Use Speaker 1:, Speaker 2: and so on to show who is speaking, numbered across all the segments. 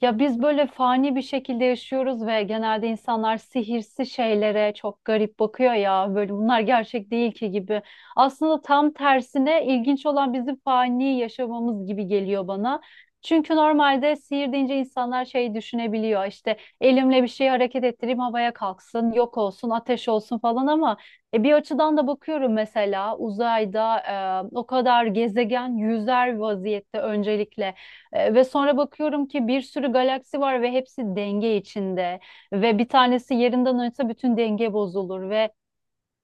Speaker 1: Ya biz böyle fani bir şekilde yaşıyoruz ve genelde insanlar sihirsi şeylere çok garip bakıyor ya böyle bunlar gerçek değil ki gibi. Aslında tam tersine ilginç olan bizim fani yaşamamız gibi geliyor bana. Çünkü normalde sihir deyince insanlar şey düşünebiliyor işte elimle bir şeyi hareket ettireyim havaya kalksın yok olsun ateş olsun falan ama bir açıdan da bakıyorum, mesela uzayda o kadar gezegen yüzer vaziyette öncelikle. Ve sonra bakıyorum ki bir sürü galaksi var ve hepsi denge içinde, ve bir tanesi yerinden oynasa bütün denge bozulur ve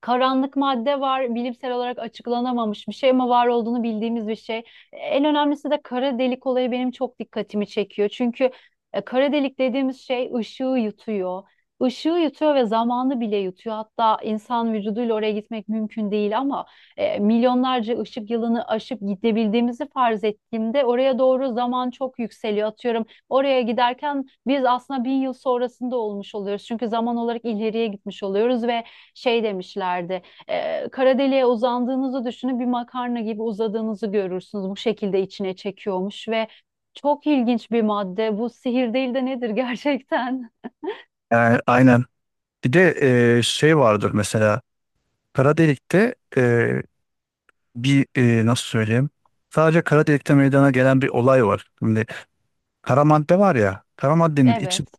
Speaker 1: karanlık madde var, bilimsel olarak açıklanamamış bir şey ama var olduğunu bildiğimiz bir şey. En önemlisi de kara delik olayı benim çok dikkatimi çekiyor. Çünkü kara delik dediğimiz şey ışığı yutuyor. Işığı yutuyor ve zamanı bile yutuyor. Hatta insan vücuduyla oraya gitmek mümkün değil ama milyonlarca ışık yılını aşıp gidebildiğimizi farz ettiğimde oraya doğru zaman çok yükseliyor. Atıyorum, oraya giderken biz aslında bin yıl sonrasında olmuş oluyoruz. Çünkü zaman olarak ileriye gitmiş oluyoruz ve şey demişlerdi. Kara deliğe uzandığınızı düşünün, bir makarna gibi uzadığınızı görürsünüz. Bu şekilde içine çekiyormuş ve çok ilginç bir madde. Bu sihir değil de nedir gerçekten?
Speaker 2: Yani aynen. Bir de şey vardır mesela kara delikte bir nasıl söyleyeyim? Sadece kara delikte meydana gelen bir olay var. Şimdi kara madde var ya, kara maddenin içi
Speaker 1: Evet.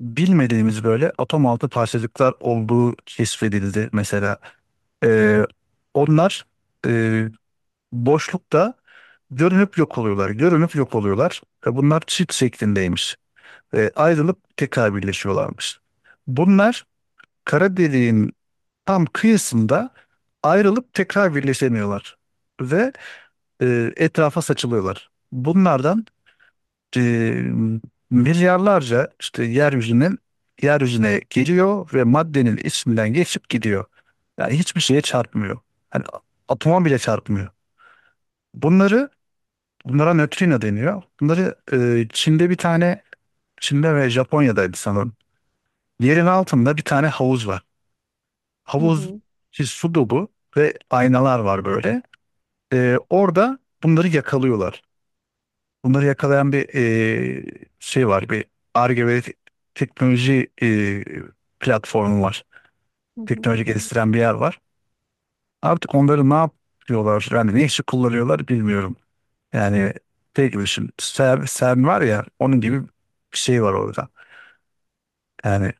Speaker 2: bilmediğimiz böyle atom altı parçacıklar olduğu keşfedildi mesela. E, onlar e, boşlukta görünüp yok oluyorlar, görünüp yok oluyorlar. Bunlar çift şeklindeymiş. Ayrılıp tekrar birleşiyorlarmış. Bunlar kara deliğin tam kıyısında ayrılıp tekrar birleşemiyorlar ve etrafa saçılıyorlar. Bunlardan e, milyarlarca işte yeryüzüne geliyor ve maddenin isminden geçip gidiyor. Yani hiçbir şeye çarpmıyor. Hani atoma bile çarpmıyor. Bunları bunlara nötrino deniyor. Bunları Çin'de bir tane Çin'de ve Japonya'daydı sanırım. Yerin altında bir tane havuz var.
Speaker 1: Hı
Speaker 2: Havuz
Speaker 1: hı.
Speaker 2: işte su dolu ve aynalar var böyle. Orada bunları yakalıyorlar. Bunları yakalayan bir şey var. Bir Ar-Ge ve teknoloji platformu var.
Speaker 1: Hı hı.
Speaker 2: Teknoloji geliştiren bir yer var. Artık onları ne yapıyorlar? Yani ne işi kullanıyorlar bilmiyorum. Yani şey gibi düşün. Sen, var ya onun gibi bir şey var orada. Yani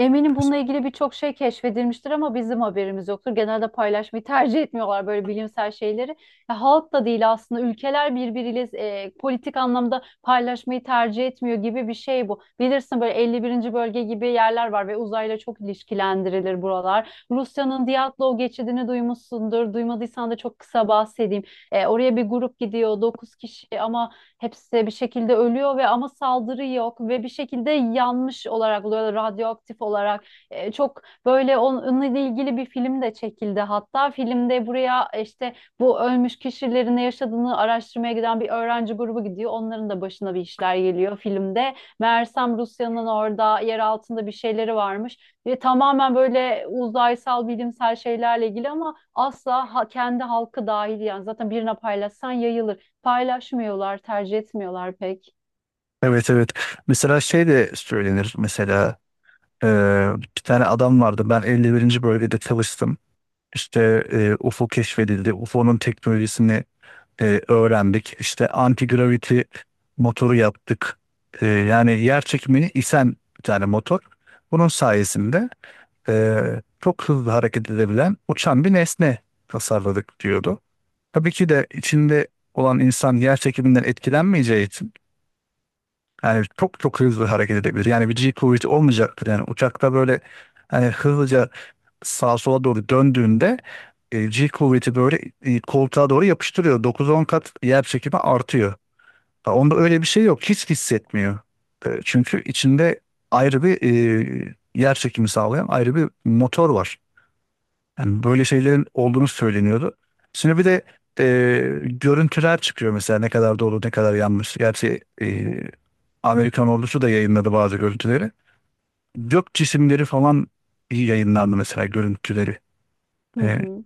Speaker 1: Eminim bununla ilgili birçok şey keşfedilmiştir ama bizim haberimiz yoktur. Genelde paylaşmayı tercih etmiyorlar böyle bilimsel şeyleri. Ya halk da değil aslında, ülkeler birbiriyle politik anlamda paylaşmayı tercih etmiyor gibi bir şey bu. Bilirsin, böyle 51. bölge gibi yerler var ve uzayla çok ilişkilendirilir buralar. Rusya'nın Diatlov geçidini duymuşsundur. Duymadıysan da çok kısa bahsedeyim. Oraya bir grup gidiyor, 9 kişi, ama hepsi bir şekilde ölüyor ve ama saldırı yok ve bir şekilde yanmış olarak oluyor, radyoaktif olarak. Çok böyle onunla ilgili bir film de çekildi. Hatta filmde buraya işte bu ölmüş kişilerin ne yaşadığını araştırmaya giden bir öğrenci grubu gidiyor. Onların da başına bir işler geliyor filmde. Meğersem Rusya'nın orada yer altında bir şeyleri varmış. Ve tamamen böyle uzaysal bilimsel şeylerle ilgili ama asla kendi halkı dahil, yani zaten birine paylaşsan yayılır, paylaşmıyorlar, tercih etmiyorlar pek.
Speaker 2: evet, evet. Mesela şey de söylenir mesela e, bir tane adam vardı, ben 51. bölgede çalıştım. İşte UFO keşfedildi. UFO'nun teknolojisini öğrendik. İşte anti-gravity motoru yaptık. Yani yer çekimini isen bir tane motor. Bunun sayesinde e, çok hızlı hareket edebilen uçan bir nesne tasarladık diyordu. Tabii ki de içinde olan insan yer çekiminden etkilenmeyeceği için yani çok çok hızlı hareket edebilir. Yani bir G kuvveti olmayacaktır. Yani uçakta böyle hani hızlıca sağa sola doğru döndüğünde G kuvveti böyle koltuğa doğru yapıştırıyor. Dokuz on kat yer çekimi artıyor. Ha, onda öyle bir şey yok. Hiç hissetmiyor. Çünkü içinde ayrı bir yer çekimi sağlayan ayrı bir motor var. Yani böyle şeylerin olduğunu söyleniyordu. Şimdi bir de e, görüntüler çıkıyor mesela ne kadar doğru ne kadar yanlış. Gerçi Amerikan ordusu da yayınladı bazı görüntüleri. Gök cisimleri falan iyi yayınlandı mesela görüntüleri.
Speaker 1: Hı
Speaker 2: E,
Speaker 1: hı.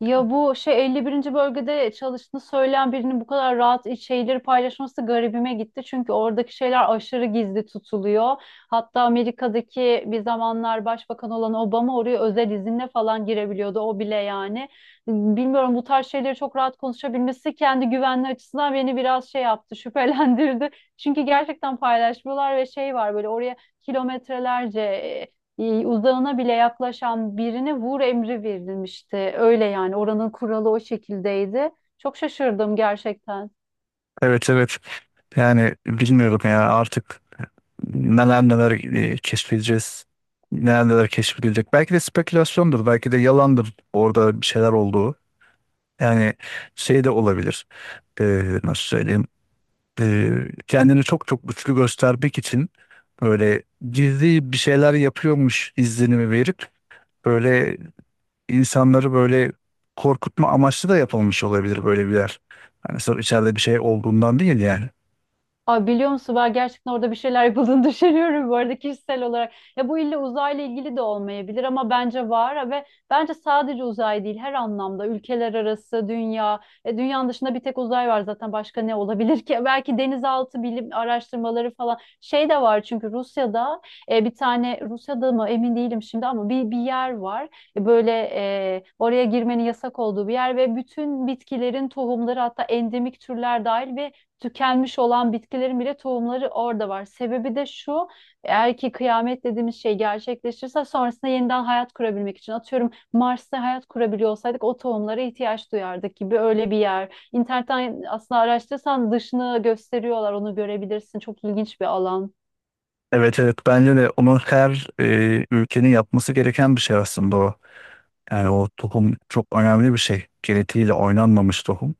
Speaker 1: Ya bu şey, 51. bölgede çalıştığını söyleyen birinin bu kadar rahat şeyleri paylaşması garibime gitti. Çünkü oradaki şeyler aşırı gizli tutuluyor. Hatta Amerika'daki bir zamanlar başbakan olan Obama oraya özel izinle falan girebiliyordu. O bile yani. Bilmiyorum, bu tarz şeyleri çok rahat konuşabilmesi kendi güvenliği açısından beni biraz şey yaptı, şüphelendirdi. Çünkü gerçekten paylaşmıyorlar ve şey var böyle, oraya kilometrelerce uzağına bile yaklaşan birine vur emri verilmişti. Öyle yani, oranın kuralı o şekildeydi. Çok şaşırdım gerçekten.
Speaker 2: evet, evet, yani bilmiyorum ya artık neler neler keşfedeceğiz. Neler neler keşfedilecek. Belki de spekülasyondur. Belki de yalandır orada bir şeyler olduğu. Yani şey de olabilir. E, nasıl söyleyeyim? e, Kendini çok çok güçlü göstermek için böyle gizli bir şeyler yapıyormuş izlenimi verip böyle insanları böyle korkutma amaçlı da yapılmış olabilir böyle bir yer. Hani sırf içeride bir şey olduğundan değil yani.
Speaker 1: Ay, biliyor musun, ben gerçekten orada bir şeyler yapıldığını düşünüyorum, bu arada kişisel olarak. Ya bu illa uzayla ilgili de olmayabilir ama bence var ve bence sadece uzay değil, her anlamda ülkeler arası, dünya, dünyanın dışında bir tek uzay var zaten, başka ne olabilir ki? Belki denizaltı bilim araştırmaları falan şey de var, çünkü Rusya'da bir tane, Rusya'da mı emin değilim şimdi ama bir yer var. Böyle oraya girmenin yasak olduğu bir yer, ve bütün bitkilerin tohumları, hatta endemik türler dahil ve tükenmiş olan bitkilerin bile tohumları orada var. Sebebi de şu, eğer ki kıyamet dediğimiz şey gerçekleşirse sonrasında yeniden hayat kurabilmek için, atıyorum Mars'ta hayat kurabiliyor olsaydık o tohumlara ihtiyaç duyardık gibi, öyle bir yer. İnternetten aslında araştırırsan dışını gösteriyorlar, onu görebilirsin. Çok ilginç bir alan.
Speaker 2: Evet, evet, bence de onun her ülkenin yapması gereken bir şey aslında o. Yani o tohum çok önemli bir şey. Genetiğiyle oynanmamış tohum.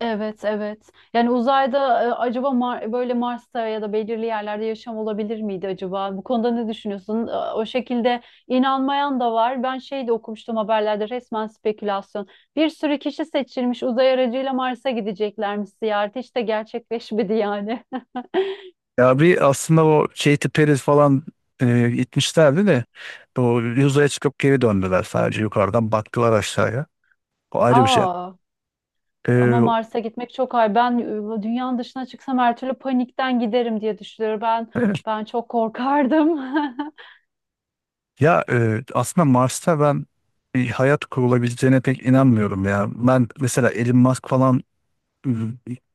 Speaker 1: Evet, evet. Yani uzayda acaba böyle Mars'ta ya da belirli yerlerde yaşam olabilir miydi acaba? Bu konuda ne düşünüyorsun? O şekilde inanmayan da var. Ben şey de okumuştum haberlerde, resmen spekülasyon. Bir sürü kişi seçilmiş uzay aracıyla Mars'a gideceklermiş, ziyareti. Hiç de gerçekleşmedi yani.
Speaker 2: Ya bir aslında o Katy Perry falan gitmişlerdi de o yüzeye çıkıp geri döndüler, sadece yukarıdan baktılar aşağıya. O ayrı bir şey.
Speaker 1: Aa,
Speaker 2: E,
Speaker 1: ama Mars'a gitmek çok ay. Ben dünyanın dışına çıksam her türlü panikten giderim diye düşünüyorum. Ben
Speaker 2: evet.
Speaker 1: ben çok korkardım.
Speaker 2: Ya aslında Mars'ta ben bir hayat kurulabileceğine pek inanmıyorum ya. Ben mesela Elon Musk falan e,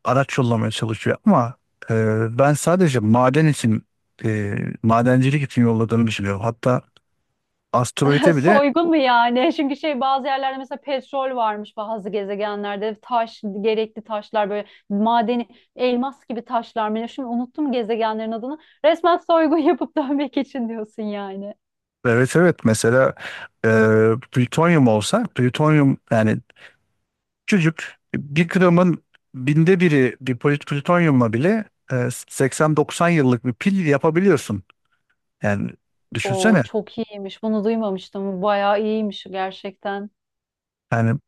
Speaker 2: araç yollamaya çalışıyor ama ben sadece maden için e, madencilik için yolladığını düşünüyorum. Hatta asteroide bile
Speaker 1: Soygun mu yani? Çünkü şey, bazı yerlerde mesela petrol varmış bazı gezegenlerde. Taş, gerekli taşlar böyle madeni, elmas gibi taşlar mı? Ne? Şimdi unuttum gezegenlerin adını. Resmen soygun yapıp dönmek için diyorsun yani.
Speaker 2: evet, evet, mesela e, plütonyum olsa plütonyum. Yani küçücük bir gramın binde biri bir plütonyumla bile 80-90 yıllık bir pil yapabiliyorsun. Yani
Speaker 1: O
Speaker 2: düşünsene.
Speaker 1: çok iyiymiş. Bunu duymamıştım. Bayağı iyiymiş gerçekten.
Speaker 2: Yani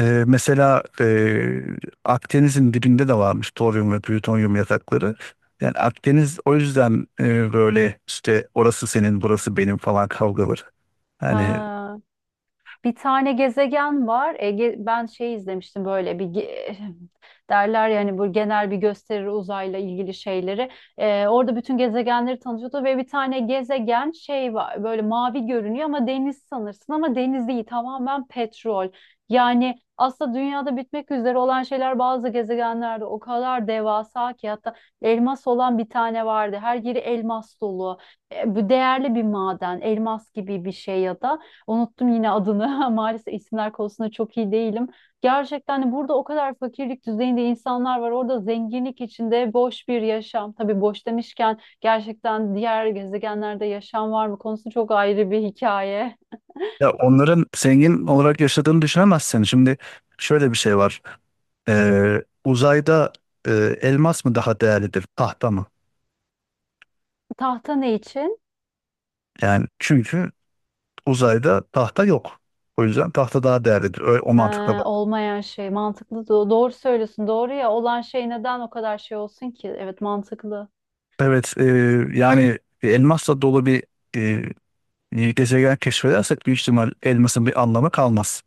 Speaker 2: Mesela Akdeniz'in dibinde de varmış toryum ve plütonyum yatakları. Yani Akdeniz o yüzden böyle işte orası senin burası benim falan kavgaları. Yani
Speaker 1: Ha. Bir tane gezegen var. Ege, ben şey izlemiştim, böyle derler yani, bu genel bir gösteri uzayla ilgili şeyleri. Orada bütün gezegenleri tanıtıyordu ve bir tane gezegen şey var, böyle mavi görünüyor, ama deniz sanırsın ama deniz değil, tamamen petrol. Yani aslında dünyada bitmek üzere olan şeyler bazı gezegenlerde o kadar devasa ki, hatta elmas olan bir tane vardı. Her yeri elmas dolu. Bu değerli bir maden, elmas gibi bir şey ya da. Unuttum yine adını. Maalesef isimler konusunda çok iyi değilim. Gerçekten de burada o kadar fakirlik düzeyinde insanlar var. Orada zenginlik içinde boş bir yaşam. Tabii boş demişken, gerçekten diğer gezegenlerde yaşam var mı konusu çok ayrı bir hikaye.
Speaker 2: ya onların zengin olarak yaşadığını düşünemezsin. Şimdi şöyle bir şey var. Uzayda e, elmas mı daha değerlidir tahta mı?
Speaker 1: Tahta ne için?
Speaker 2: Yani çünkü uzayda tahta yok. O yüzden tahta daha değerlidir. Öyle, o
Speaker 1: Ee,
Speaker 2: mantıkla bak.
Speaker 1: Olmayan şey mantıklı. Doğru söylüyorsun. Doğru ya, olan şey neden o kadar şey olsun ki? Evet, mantıklı.
Speaker 2: Evet, yani elmasla dolu bir gezegen keşfedersek büyük ihtimal elmasın bir anlamı kalmaz.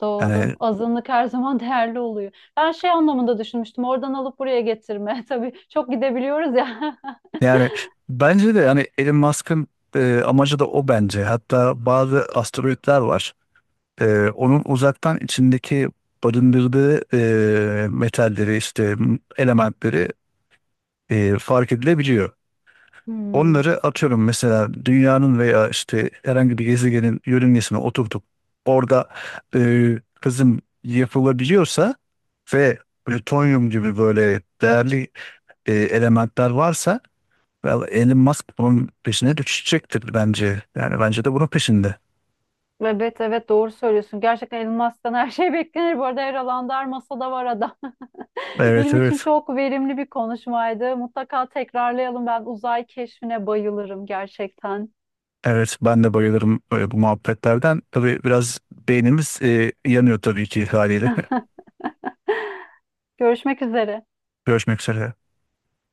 Speaker 1: Doğru.
Speaker 2: Yani
Speaker 1: Azınlık her zaman değerli oluyor. Ben şey anlamında düşünmüştüm. Oradan alıp buraya getirme. Tabii çok gidebiliyoruz ya.
Speaker 2: yani bence de yani Elon Musk'ın amacı da o bence. Hatta bazı asteroidler var. Onun uzaktan içindeki barındırdığı metalleri işte elementleri fark edilebiliyor.
Speaker 1: Hmm.
Speaker 2: Onları atıyorum mesela dünyanın veya işte herhangi bir gezegenin yörüngesine oturtup orada e, kızım yapılabiliyorsa ve plütonyum gibi böyle değerli elementler varsa well, Elon Musk bunun peşine düşecektir bence. Yani bence de bunun peşinde.
Speaker 1: Evet, evet, doğru söylüyorsun. Gerçekten Elon Musk'tan her şey beklenir. Bu arada her alanda, her masada var adam.
Speaker 2: Evet,
Speaker 1: Benim için
Speaker 2: evet.
Speaker 1: çok verimli bir konuşmaydı. Mutlaka tekrarlayalım. Ben uzay keşfine bayılırım gerçekten.
Speaker 2: Evet, ben de bayılırım böyle bu muhabbetlerden. Tabii biraz beynimiz yanıyor tabii ki haliyle.
Speaker 1: Görüşmek üzere.
Speaker 2: Görüşmek üzere.